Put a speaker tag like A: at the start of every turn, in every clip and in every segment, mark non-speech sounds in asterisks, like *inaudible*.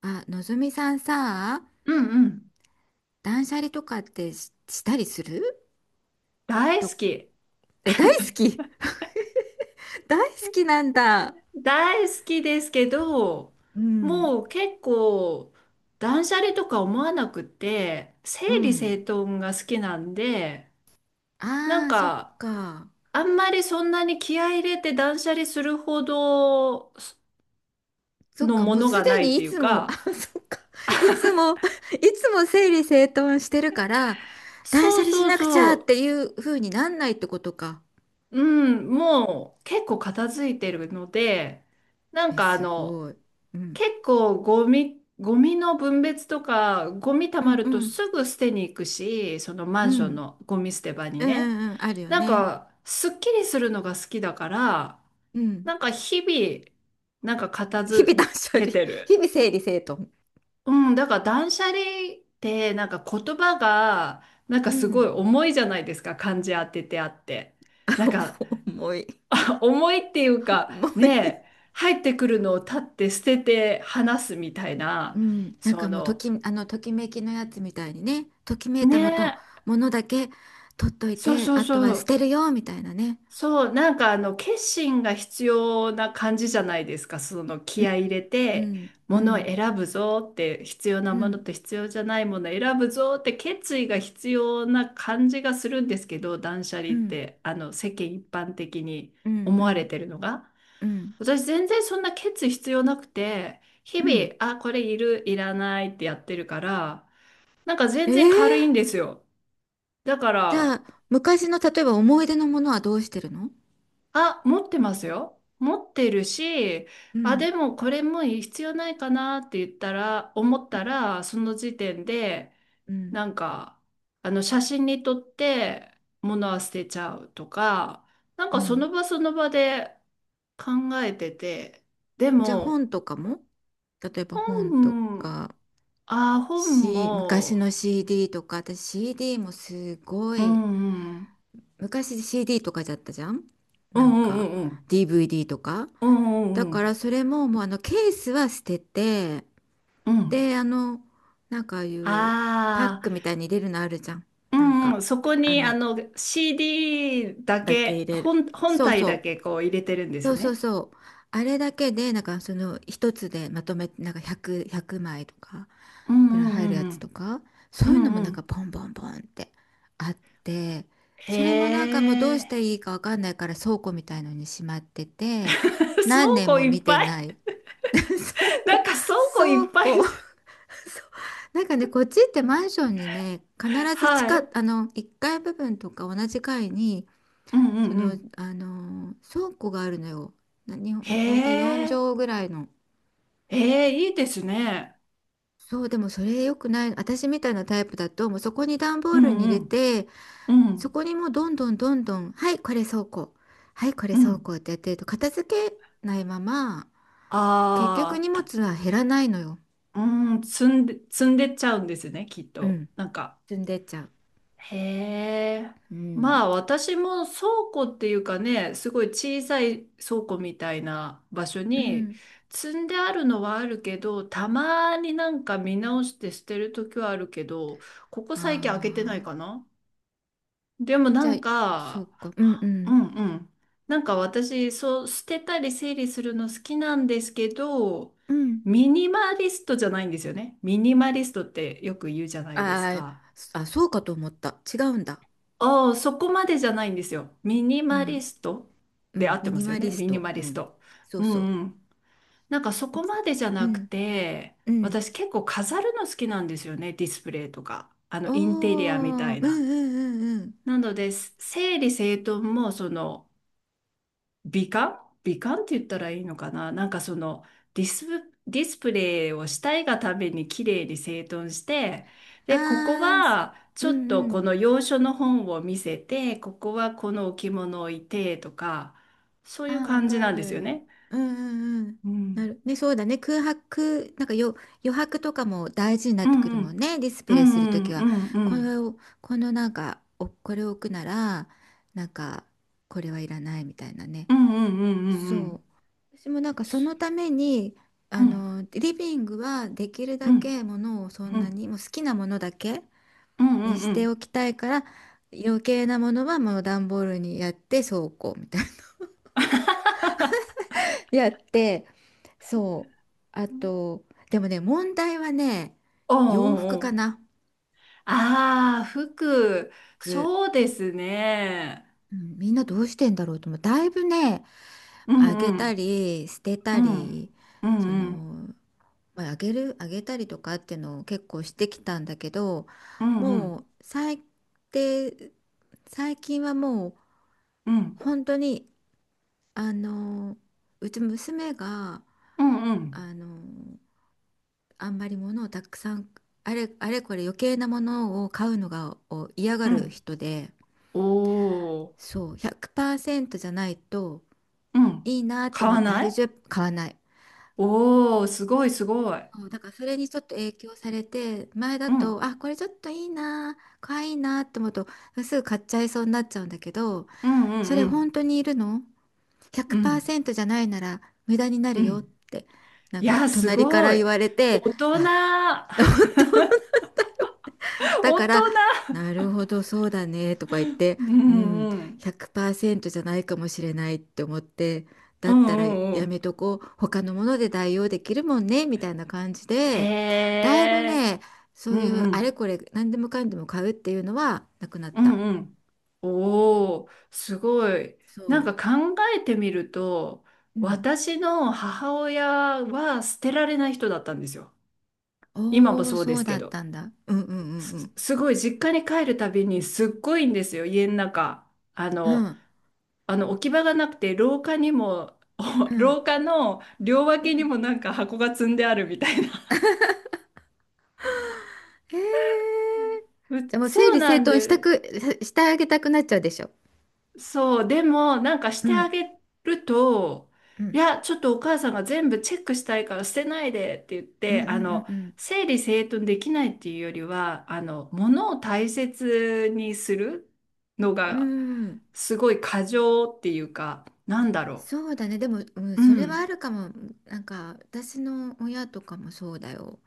A: あ、のぞみさんさ、
B: うんうん。
A: 断捨離とかってしたりする
B: 大
A: と、
B: 好き。
A: 大好き *laughs* 大好きなんだ。
B: 大好きですけど、
A: うん、
B: もう結構、断捨離とか思わなくて、
A: う
B: 整理
A: ん。
B: 整頓が好きなんで、なん
A: ああ、そっ
B: か、
A: か。
B: あんまりそんなに気合い入れて断捨離するほど
A: そっ
B: の
A: か、
B: も
A: もう
B: の
A: す
B: が
A: で
B: ないっ
A: にい
B: ていう
A: つも、あ、
B: か、
A: そっか。いつも、いつも整理整頓してるから、断
B: そ
A: 捨
B: う
A: 離し
B: そう
A: なくちゃっ
B: そ
A: ていう風になんないってことか。
B: う、うん、もう結構片付いてるので、なん
A: え、
B: かあ
A: す
B: の、
A: ごい。うん。
B: 結構ゴミの分別とか、ゴミ溜
A: う
B: ま
A: ん
B: る
A: う
B: と
A: ん。
B: すぐ捨てに行くし、そのマ
A: う
B: ンション
A: ん。
B: のゴミ捨て場に
A: うんう
B: ね。
A: んうん。あるよ
B: なん
A: ね。
B: か、すっきりするのが好きだから、
A: うん。
B: なんか日々、なんか片
A: 日々
B: 付
A: 断捨離。
B: けてる。
A: 日々整理整頓。
B: うん、だから断捨離ってなんか言葉がなん
A: う
B: かすごい
A: ん。
B: 重いじゃないですか、漢字当ててあって。なんか
A: *laughs* 重い
B: 重いっていうか、
A: 重い。
B: ねえ、入ってくるのを立って捨てて話すみたい
A: う
B: な、
A: ん、なんか
B: そ
A: もうと
B: の、
A: き、あの、ときめきのやつみたいにね、ときめい
B: ね
A: たもと、
B: え、
A: ものだけ取っとい
B: そう
A: て、
B: そう
A: あとは
B: そ
A: 捨て
B: う、
A: るよ、みたいなね。
B: そう、決心が必要な感じじゃないですか、その
A: う
B: 気
A: ん、
B: 合い入れ
A: う
B: て、
A: ん、う
B: ものを
A: ん、
B: 選ぶぞって、必要な
A: う
B: もの
A: ん、
B: と必要じゃないものを選ぶぞって決意が必要な感じがするんですけど、断捨
A: う
B: 離っ
A: ん、
B: て、あの、世間一般的に
A: うん、う
B: 思われ
A: ん、
B: てるのが。
A: うん、
B: 私全然そんなケツ必要なくて、日々、あ、これいる、いらないってやってるから、なんか全然軽いんで
A: ええ。
B: すよ。だか
A: じゃあ、
B: ら、
A: 昔の、例えば思い出のものはどうしてるの？
B: あ、持ってますよ。持ってるし、
A: う
B: あ、
A: ん、
B: でもこれも必要ないかなって言ったら、思ったら、その時点で、
A: うん、
B: なんか、写真に撮って物は捨てちゃうとか、なん
A: う
B: かそ
A: ん。
B: の場その場で考えてて、で
A: じゃあ
B: も、
A: 本とかも、例えば本
B: う
A: と
B: ん、
A: か、
B: ああ、本
A: 昔
B: も、
A: の CD とか、私 CD もすご
B: う
A: い、
B: んうん、
A: 昔 CD とかじゃったじゃん。
B: う
A: なん
B: んう
A: か
B: んうん、
A: DVD とか。
B: うんう
A: だ
B: んう
A: か
B: ん、
A: らそれももうあのケースは捨てて、
B: うん。
A: であの、なんかああいうパック
B: あ
A: みたいに入れるのあるじゃん。
B: あ、う
A: なん
B: ん
A: か、
B: うん、そこ
A: あ
B: にあ
A: の、
B: の CD だ
A: だけ入
B: け、
A: れる。
B: 本
A: そう
B: 体だ
A: そ
B: け
A: う
B: こう入れてるんで
A: そ
B: す
A: うそう
B: ね。
A: そう。あれだけで、なんかその一つでまとめ、なんか100枚とか
B: うん
A: ぐらい
B: う
A: 入
B: ん
A: るや
B: う
A: つと
B: ん
A: か、そ
B: う
A: う
B: ん、
A: い
B: う
A: うの
B: ん
A: も
B: う
A: なんか
B: ん。
A: ポンポンポンってあって、それもな
B: へ
A: んかもうどうし
B: え、
A: たらいいかわかんないから倉庫みたいのにしまって
B: *laughs*
A: て、
B: 倉
A: 何年
B: 庫
A: も
B: いっ
A: 見て
B: ぱい、
A: ない。*laughs* 倉
B: *laughs*
A: 庫、
B: なんか倉庫い
A: 倉
B: っぱい、
A: 庫。*laughs* そうなんかね、こっちってマンションにね、必ず地
B: は
A: 下、
B: い。
A: あの、1階部分とか同じ階に
B: うんうん
A: そ
B: う
A: の、
B: ん。
A: あの倉庫があるのよ。日
B: へ
A: 本、だいたい4
B: え、
A: 畳ぐらいの。
B: へえ、いいですね。
A: そう、でもそれ良くない。私みたいなタイプだと、もうそこに段ボ
B: う
A: ールに
B: ん
A: 入
B: う
A: れ
B: ん、
A: て、
B: う
A: そ
B: ん
A: こにもうどんどんどんどん、はい、これ倉庫。はい、これ
B: う
A: 倉
B: ん。
A: 庫ってやってると、片付けないまま、結局
B: あ
A: 荷
B: あ。
A: 物は減らないのよ。
B: うーん、積んでっちゃうんですね、きっ
A: う
B: と。
A: ん。
B: なんか、
A: 積んでっちゃう。
B: へえ。
A: うん。
B: まあ私も倉庫っていうかね、すごい小さい倉庫みたいな場所
A: う
B: に
A: ん。
B: 積んであるのはあるけど、たまになんか見直して捨てる時はあるけど、ここ
A: あ
B: 最近開けてないか
A: あ。
B: な。でもな
A: じゃあ、
B: ん
A: そう
B: か、
A: か。うんう
B: う
A: ん。
B: んうん。なんか私、そう、捨てたり整理するの好きなんですけど、
A: うん。
B: ミニマリストじゃないんですよね。ミニマリストってよく言うじゃないです
A: あー、
B: か。
A: あ、そうかと思った。違うんだ。
B: ああ、そこまでじゃないんですよ。ミニ
A: う
B: マリ
A: ん。
B: スト
A: う
B: で合
A: ん、
B: っ
A: ミ
B: てま
A: ニ
B: すよ
A: マ
B: ね。
A: リス
B: ミニ
A: ト。
B: マ
A: う
B: リス
A: ん。
B: ト。
A: そう
B: う
A: そう。
B: んうん。なんかそこまでじゃ
A: う
B: なく
A: ん、
B: て、
A: うん。
B: 私結構飾るの好きなんですよね。ディスプレイとか、あ
A: お
B: のインテリアみた
A: ー、うん
B: い
A: う
B: な。
A: んうんうん。
B: なので、整理整頓もその、美観美観って言ったらいいのかな、なんかそのディスプレイをしたいがために綺麗に整頓して、
A: あ
B: で、ここ
A: ー、す、
B: は
A: う
B: ち
A: ん
B: ょっと
A: う
B: こ
A: ん。
B: の洋書の本を見せて、ここはこの置物を置いてとか、そういう
A: あー、わ
B: 感じ
A: か
B: なんですよ
A: る。
B: ね。
A: うんうんうん。
B: う
A: な
B: ん。
A: る。ね、そうだね。空白、なんかよ、余白とかも大事になっ
B: う
A: てくる
B: んう
A: もん
B: ん。
A: ね。ディスプ
B: う
A: レイ
B: ん
A: する
B: う
A: と
B: ん
A: き
B: う
A: は。
B: んう
A: これ
B: ん。
A: を、このなんか、お、これを置くなら、なんか、これはいらないみたいなね。
B: うんうんうんうんう
A: そ
B: ん。
A: う。私もなんかそのために、
B: う
A: あ
B: ん
A: の、リビングはできる
B: う
A: だ
B: ん
A: けものをそん
B: う
A: な
B: ん
A: に、もう好きなものだけにしておきたいから、余計なものはもう段ボールにやって倉庫みたいな。
B: *laughs* うんうんうん。
A: *laughs*。やって、そう。あ
B: *laughs*
A: と、でもね、問題はね、
B: おう
A: 洋服
B: おうお
A: か
B: う、
A: な。
B: ああ、服、
A: 服。
B: そうですね。
A: うん、みんなどうしてんだろうと思う。だいぶね、
B: うん
A: あ
B: う
A: げた
B: ん、
A: り、捨て
B: う
A: た
B: ん、
A: り、
B: う
A: そ
B: んうん、
A: の、まあ、あげる、あげたりとかっていうのを結構してきたんだけど、
B: うんう
A: も
B: ん、
A: う最低、最近はもう
B: うん、
A: 本当に、あの、うち娘が、
B: うんうん、
A: あの、あんまり物をたくさん、あれこれ余計なものを嫌が
B: う
A: る
B: ん。
A: 人で、
B: おお、
A: そう、100%じゃないと
B: うん。
A: いいなって
B: 買
A: 思っ
B: わ
A: て
B: ない。
A: 80、買わない。
B: おおー、すごいすごい。
A: そうだからそれにちょっと影響されて、前だ
B: うん、
A: と、あ、これちょっといいな、可愛いなって思うとすぐ買っちゃいそうになっちゃうんだけど、
B: うんう
A: そ
B: ん
A: れ
B: う
A: 本
B: ん、
A: 当にいるの？
B: うん、
A: 100% じゃないなら無駄にな
B: う
A: るよっ
B: ん。
A: て、なん
B: い
A: か
B: や、す
A: 隣か
B: ご
A: ら
B: い。
A: 言われて、
B: 大人、
A: あと *laughs* 思っ
B: *laughs*
A: て、
B: 大
A: だから、
B: 人。
A: なるほど、そうだね、とか言って、
B: う
A: うん、
B: んうん、
A: 100%じゃないかもしれないって思って、だ
B: う
A: っ
B: ん
A: た
B: う
A: ら
B: んう
A: や
B: ん。
A: めとこう、他のもので代用できるもんね、みたいな感じ
B: へ
A: で、だいぶ
B: え、
A: ね、そ
B: う
A: うい
B: ん
A: う
B: う
A: あれ
B: ん。
A: これ何でもかんでも買うっていうのはなくなっ
B: う
A: た。
B: んうん。おー、すごい。
A: そ
B: なん
A: う。
B: か考えてみると、
A: うん。
B: 私の母親は捨てられない人だったんですよ。今も
A: おお、
B: そう
A: そ
B: で
A: う
B: す
A: だ
B: け
A: っ
B: ど。
A: たんだ。うんうんうん
B: すごい、実家に帰るたびにすっごいんですよ、家の中。あ
A: うん。う
B: の、
A: ん
B: あの置き場がなくて、廊下にも、
A: う
B: *laughs*
A: ん
B: 廊下の両
A: う
B: 脇に
A: ん。
B: もなんか箱が積んであるみたいな。
A: へえ。
B: う、
A: じゃあもう整
B: そう
A: 理
B: な
A: 整
B: ん
A: 頓した
B: で、
A: く、ししてあげたくなっちゃうでしょ。
B: そう、でも、なんかし
A: う
B: てあ
A: ん。
B: げると、
A: う
B: い
A: ん
B: や、ちょっとお母さんが全部チェックしたいから捨てないでって言っ
A: うん
B: て、
A: う
B: あ
A: ん
B: の、
A: うん
B: 整理整頓できないっていうよりは、あの、物を大切にするの
A: うん。
B: が、
A: うん。
B: すごい過剰っていうか、なんだろ
A: そうだね。でも、うん、
B: う。う
A: それはあ
B: ん。
A: るかも。なんか、私の親とかもそうだよ。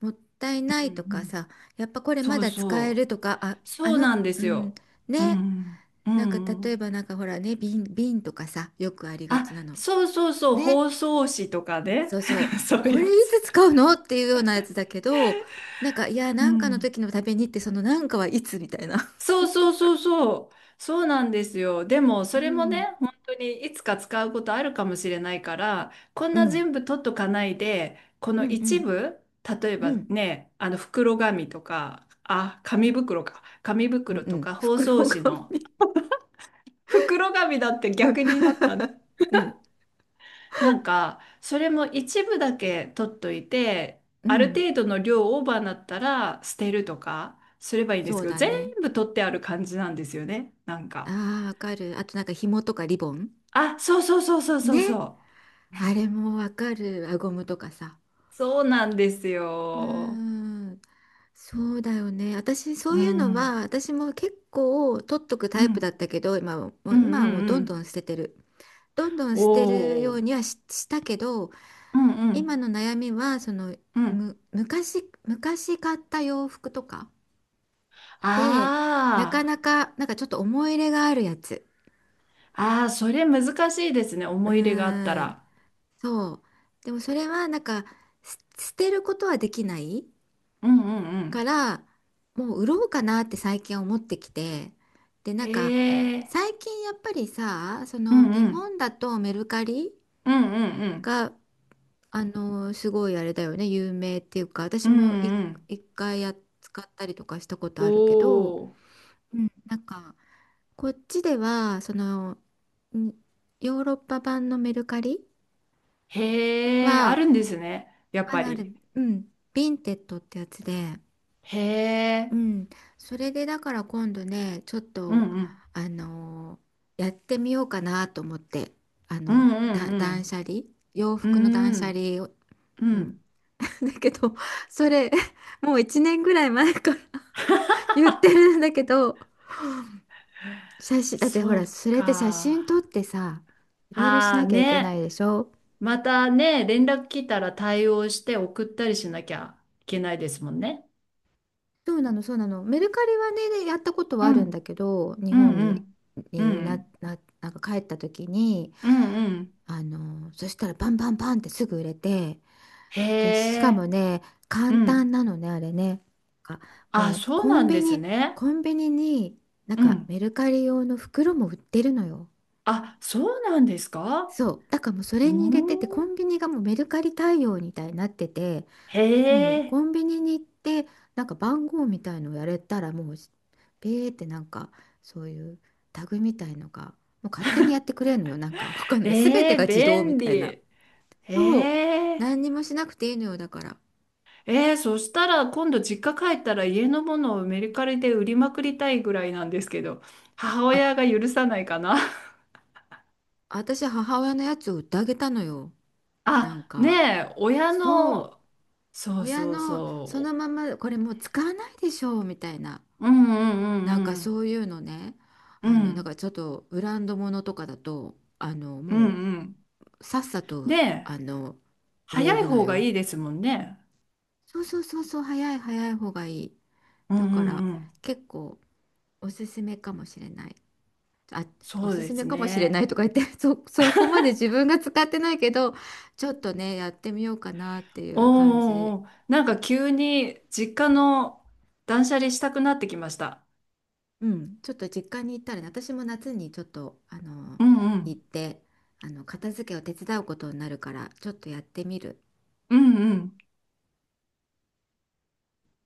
A: もったいな
B: う
A: い
B: ん
A: と
B: う
A: か
B: ん、
A: さ、やっぱこれ
B: そ
A: ま
B: う
A: だ使え
B: そ
A: ると
B: う。
A: か、あ、あ
B: そう
A: の、
B: なんで
A: う
B: す
A: ん、
B: よ。う
A: ね。
B: ん。う
A: なんか、
B: ん。う
A: 例え
B: ん、
A: ばなんかほらね、瓶とかさ、よくありが
B: あ、
A: ちなの。
B: そうそうそう、
A: ね。
B: 包装紙とかね。
A: そうそう。
B: *laughs* そう
A: こ
B: いう
A: れい
B: やつ。
A: つ使うのっていうようなやつだけど、なんか、いや、
B: う
A: なんかの
B: ん。
A: 時のためにって、そのなんかはいつみたいな。
B: そうそうそうそう。そうなんですよ。でも、
A: う
B: それも
A: ん。
B: ね、本当にいつか使うことあるかもしれないから、こん
A: う
B: な
A: ん。
B: 全部取っとかないで、こ
A: う
B: の
A: んう
B: 一
A: ん。
B: 部、例えば
A: うん。
B: ね、あの袋紙とか、あ、紙袋か。紙
A: うん
B: 袋
A: う
B: と
A: ん。
B: か包
A: 袋
B: 装紙
A: 紙。
B: の袋紙だって逆になったね。
A: *laughs* うん。
B: なんか、それも一部だけ取っといて、
A: う
B: ある
A: ん。
B: 程度の量オーバーになったら捨てるとかすればいいんで
A: そ
B: す
A: う
B: けど、
A: だ
B: 全
A: ね。
B: 部取ってある感じなんですよね。なんか。
A: ああ、わかる。あとなんか紐とかリボン
B: あ、そうそうそうそうそう
A: ね。
B: そう。
A: あれもわかる。輪ゴムとかさ。
B: そうなんです
A: うー
B: よ。
A: ん。そうだよね。私、
B: う
A: そういう
B: ん、
A: の
B: うん、
A: は、私も結構取っとく
B: う
A: タイプだっ
B: ん、
A: たけど、今はも
B: う
A: う、
B: ん、
A: 今はもう
B: う
A: どんど
B: ん。
A: ん捨ててる。どんどん
B: お
A: 捨てるよう
B: お、
A: にはし、したけど、
B: うん、う
A: 今
B: ん、
A: の悩みは、その、
B: うん。
A: 昔買った洋服とかで、なか
B: あ
A: なか、なんかちょっと思い入れがあるやつ。
B: あ、ああ、それ難しいですね。
A: う
B: 思い入れがあった
A: ーん、
B: ら。
A: そう。でもそれはなんかす捨てることはできない
B: うん、うん、う
A: か
B: ん。
A: ら、もう売ろうかなって最近思ってきて。で、なんか
B: へえ、
A: 最近やっぱりさ、そ
B: う
A: の
B: ん、
A: 日
B: うん、
A: 本だとメルカリ
B: うん、うん、うん、
A: が、あのすごいあれだよね、有名っていうか、私
B: うん、
A: も
B: うん。
A: 一回使ったりとかしたこと
B: お
A: あるけど、
B: お、
A: うん、なんかこっちではその、んヨーロッパ版のメルカリ
B: へえ、あ
A: は
B: るんですね。やっ
A: あ
B: ぱ
A: るある、
B: り。
A: うん、ヴィンテッドってやつで、
B: へ
A: う
B: え、
A: ん、それでだから今度ね、ちょっ
B: う
A: と、
B: ん、うん、
A: あのやってみようかなと思って、あ
B: う
A: の、
B: ん、う
A: 断
B: ん、
A: 捨離、洋
B: うん、
A: 服の断
B: う
A: 捨
B: ん、
A: 離を、
B: う
A: うん、
B: ん。
A: *laughs* だけど、それ、もう1年ぐらい前から *laughs* 言ってるんだけど、写真、だってほ
B: そ
A: ら、
B: う
A: それって写
B: か。
A: 真撮ってさ、いろいろし
B: ああ
A: なきゃいけな
B: ね。
A: いでしょ。
B: またね、連絡来たら対応して送ったりしなきゃいけないですもんね。
A: そうなの、そうなの。メルカリはね、やったこと
B: う
A: はあるんだ
B: ん、
A: けど、日
B: うん、
A: 本
B: う
A: に、
B: ん、うん、
A: なんか帰った時に、
B: うん、うん、
A: あの、そしたらバンバンバンってすぐ売れて、
B: へ
A: で、しかも
B: え、
A: ね、
B: う
A: 簡
B: ん。
A: 単なのね、あれね。なんか
B: あ、
A: もう
B: そうなんですね。
A: コンビニになん
B: う
A: か
B: ん。
A: メルカリ用の袋も売ってるのよ。
B: あ、そうなんですか。
A: そう。だからもうそ
B: う
A: れに入れて
B: ん。
A: て、コンビニがもうメルカリ対応みたいになってて、
B: へ
A: もう
B: え、
A: コンビニに行ってなんか番号みたいのをやれたら、もうペーってなんかそういうタグみたいのがもう勝手にやってくれるのよ。なんかわかんない、全
B: え
A: て
B: え、
A: が自動み
B: 便利。
A: たいな。
B: へ
A: そう、
B: え。
A: 何にもしなくていいのよ。だから、
B: えー、そしたら今度実家帰ったら家のものをメルカリで売りまくりたいぐらいなんですけど、母
A: あ、
B: 親が許さないかな。
A: 私母親のやつを売ってあげたのよ、
B: *laughs*
A: なん
B: あ、ね
A: か。
B: え、親
A: そう、
B: の、そう
A: 親
B: そう
A: のその
B: そ
A: ままこれもう使わないでしょうみたいな、
B: う、うんうん
A: なんか
B: うん
A: そういうのね、
B: うん、
A: あ
B: う
A: の、なんか
B: ん
A: ちょっとブランドものとかだと、あの
B: うん
A: も
B: うん。
A: うさっさと、
B: で、
A: あの植え
B: 早い
A: るの
B: 方が
A: よ。
B: いいですもんね。
A: そうそうそうそう、早い、早い方がいい。
B: うん
A: だ
B: う
A: から
B: んうん、
A: 結構おすすめかもしれない。あ、お
B: そう
A: す
B: で
A: すめ
B: す
A: かもしれな
B: ね。
A: いとか言って、*laughs* そこまで自分が使ってないけど、ちょっとね、やってみようかなって
B: お
A: いう感じ。
B: ーおーおー、なんか急に実家の断捨離したくなってきました。
A: うん、ちょっと実家に行ったらね、私も夏にちょっとあの
B: うんう
A: 行っ
B: ん、
A: て、あの片付けを手伝うことになるから、ちょっとやってみる。
B: うんうん。